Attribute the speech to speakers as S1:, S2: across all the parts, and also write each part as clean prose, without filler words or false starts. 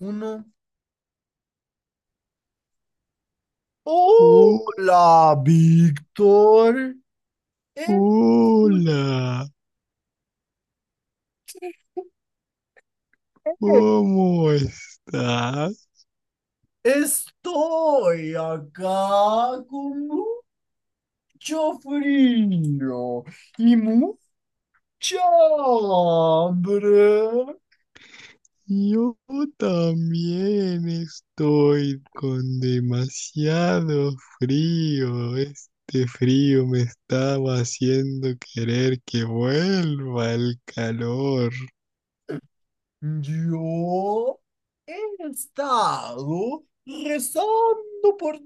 S1: Uno.
S2: Oh,
S1: Hola, Víctor. Escuche,
S2: hola, ¿cómo estás?
S1: estoy acá con mucho frío y mucha hambre.
S2: Yo también estoy con demasiado frío. Este frío me estaba haciendo querer que vuelva el calor.
S1: Yo he estado rezando por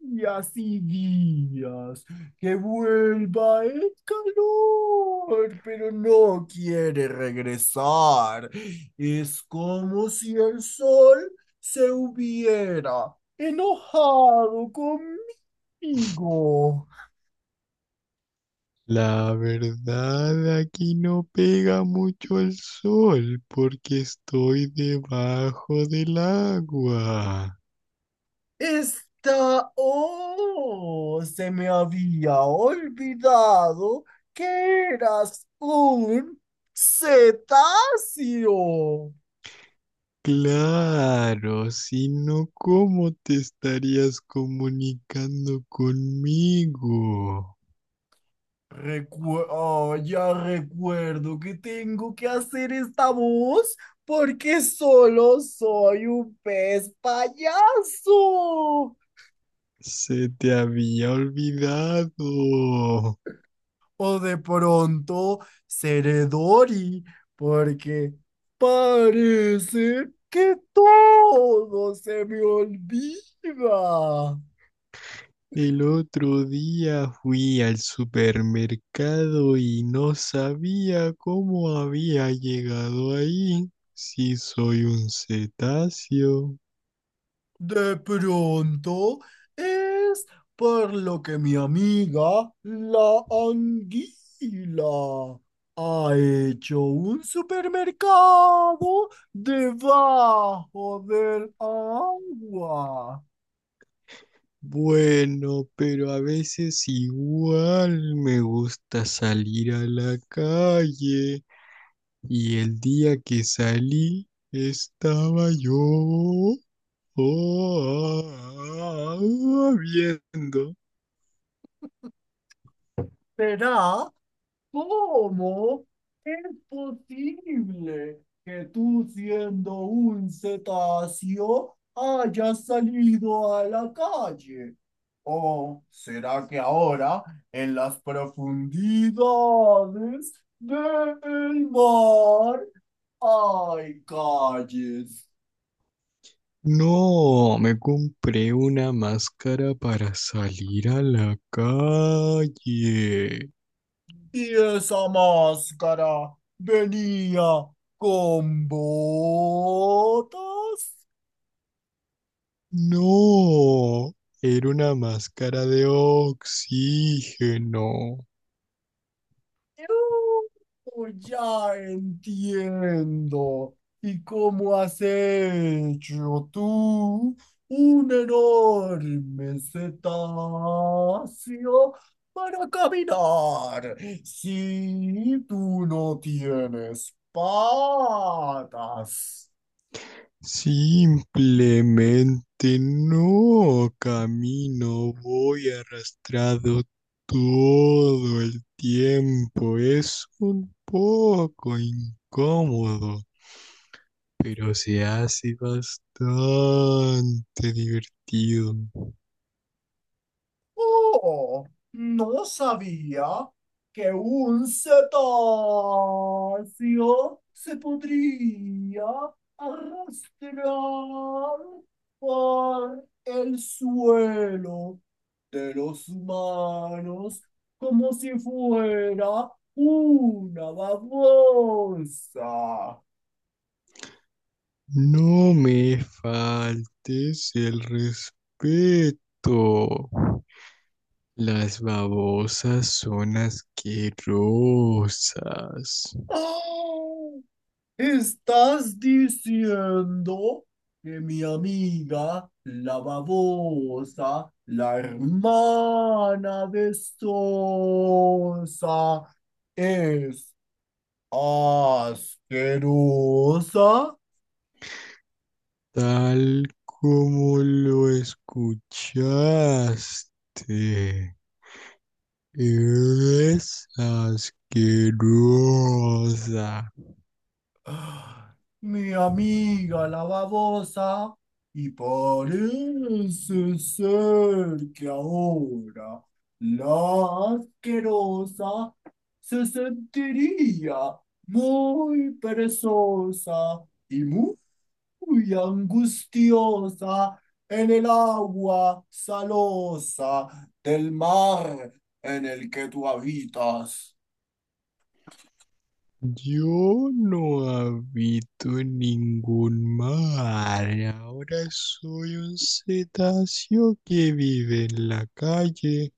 S1: días y días que vuelva el calor, pero no quiere regresar. Es como si el sol se hubiera enojado conmigo.
S2: La verdad, aquí no pega mucho el sol porque estoy debajo del agua.
S1: Está, oh, se me había olvidado que eras un cetáceo.
S2: Claro, si no, ¿cómo te estarías comunicando conmigo?
S1: Ya recuerdo que tengo que hacer esta voz porque solo soy un pez payaso.
S2: Se te había olvidado.
S1: O de pronto seré Dory, porque parece que todo se me olvida.
S2: El otro día fui al supermercado y no sabía cómo había llegado ahí. Si soy un cetáceo.
S1: De pronto es por lo que mi amiga, la anguila, ha hecho un supermercado debajo del agua.
S2: Bueno, pero a veces igual me gusta salir a la calle. Y el día que salí estaba yo ah, ah, viendo.
S1: ¿Será? ¿Cómo es posible que tú, siendo un cetáceo, hayas salido a la calle? ¿O será que ahora, en las profundidades del mar, hay calles?
S2: No, me compré una máscara para salir a la calle.
S1: Y esa máscara venía con botas.
S2: No, era una máscara de oxígeno.
S1: Ya entiendo. ¿Y cómo has hecho tú un enorme cetáceo para caminar si tú no tienes patas?
S2: Simplemente no camino, voy arrastrado todo el tiempo. Es un poco incómodo, pero se hace bastante divertido.
S1: Oh, no sabía que un cetáceo se podría arrastrar por el suelo de los humanos como si fuera una babosa.
S2: No me faltes el respeto. Las babosas son asquerosas.
S1: ¡Ah! ¿Estás diciendo que mi amiga, la babosa, la hermana de Sosa, es asquerosa?
S2: Tal como lo escuchaste, es asquerosa.
S1: ¡Ah! Mi amiga la babosa, y parece ser que ahora la asquerosa se sentiría muy perezosa y muy angustiosa en el agua salosa del mar en el que tú habitas.
S2: Yo no habito en ningún mar. Ahora soy un cetáceo que vive en la calle.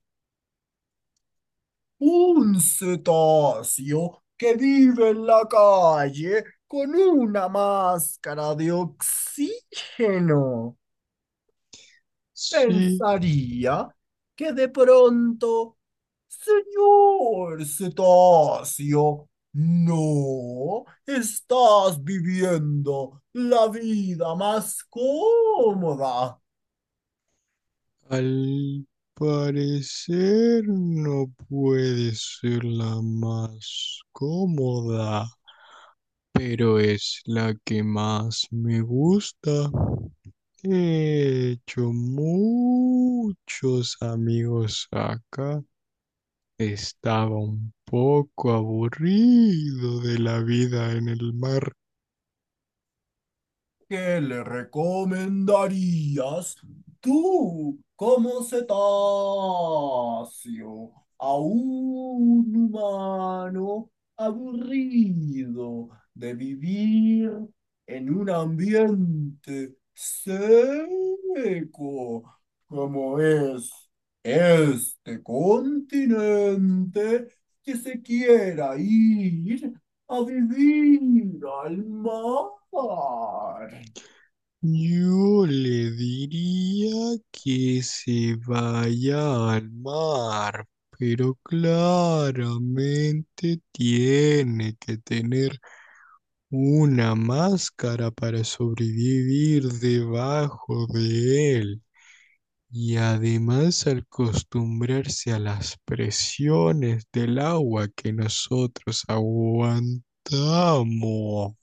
S1: Un cetáceo que vive en la calle con una máscara de oxígeno.
S2: Sí,
S1: Pensaría que de pronto, señor cetáceo, no estás viviendo la vida más cómoda.
S2: al parecer no puede ser la más cómoda, pero es la que más me gusta. He hecho muchos amigos acá. Estaba un poco aburrido de la vida en el mar.
S1: ¿Qué le recomendarías tú como cetáceo a un humano aburrido de vivir en un ambiente seco como es este continente que se quiera ir a vivir al mar?
S2: Yo le diría que se vaya al mar, pero claramente tiene que tener una máscara para sobrevivir debajo de él. Y además al acostumbrarse a las presiones del agua que nosotros aguantamos,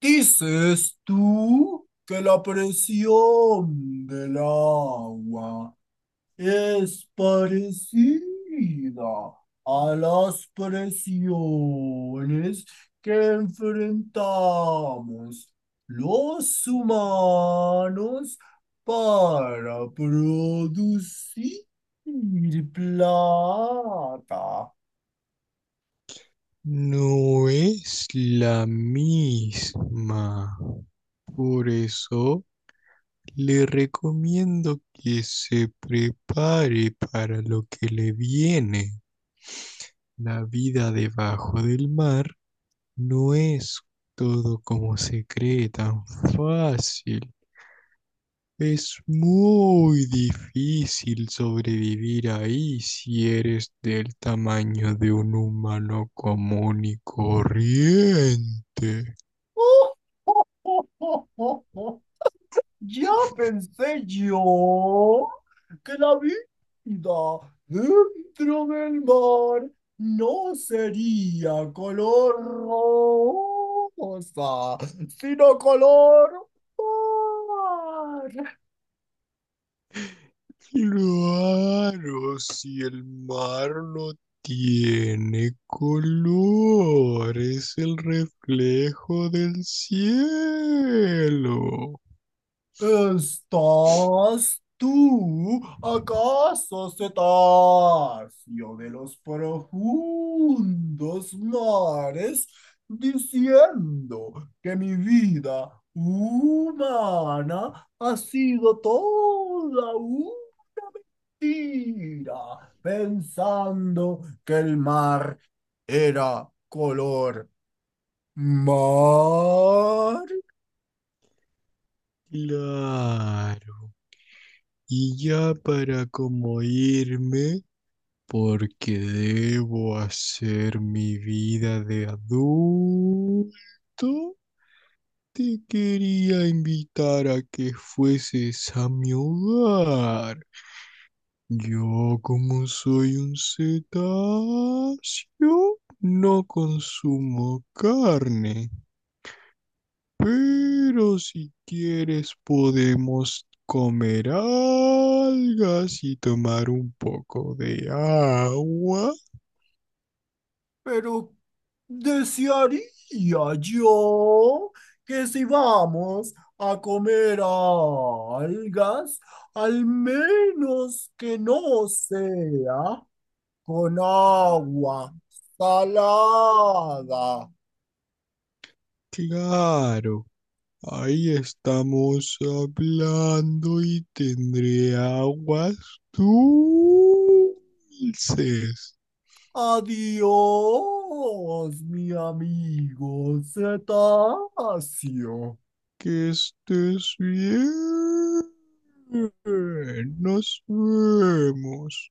S1: ¿Dices tú que la presión del agua es parecida a las presiones que enfrentamos los humanos para producir plata?
S2: no es la misma. Por eso le recomiendo que se prepare para lo que le viene. La vida debajo del mar no es todo como se cree tan fácil. Es muy difícil sobrevivir ahí si eres del tamaño de un humano común y corriente.
S1: Ya pensé yo que la vida dentro del mar no sería color rosa, sino color mar.
S2: Claro, si el mar no tiene color, es el reflejo del cielo.
S1: ¿Estás tú acaso cetáceo de los profundos mares diciendo que mi vida humana ha sido toda una mentira, pensando que el mar era color mar?
S2: Claro. Y ya para como irme, porque debo hacer mi vida de adulto, te quería invitar a que fueses a mi hogar. Yo como soy un cetáceo, no consumo carne. Pero si quieres podemos comer algas y tomar un poco de agua.
S1: Pero desearía yo que si vamos a comer algas, al menos que no sea con agua salada.
S2: Claro, ahí estamos hablando y tendré aguas dulces.
S1: Adiós, mi amigo cetáceo.
S2: Que estés bien. Nos vemos.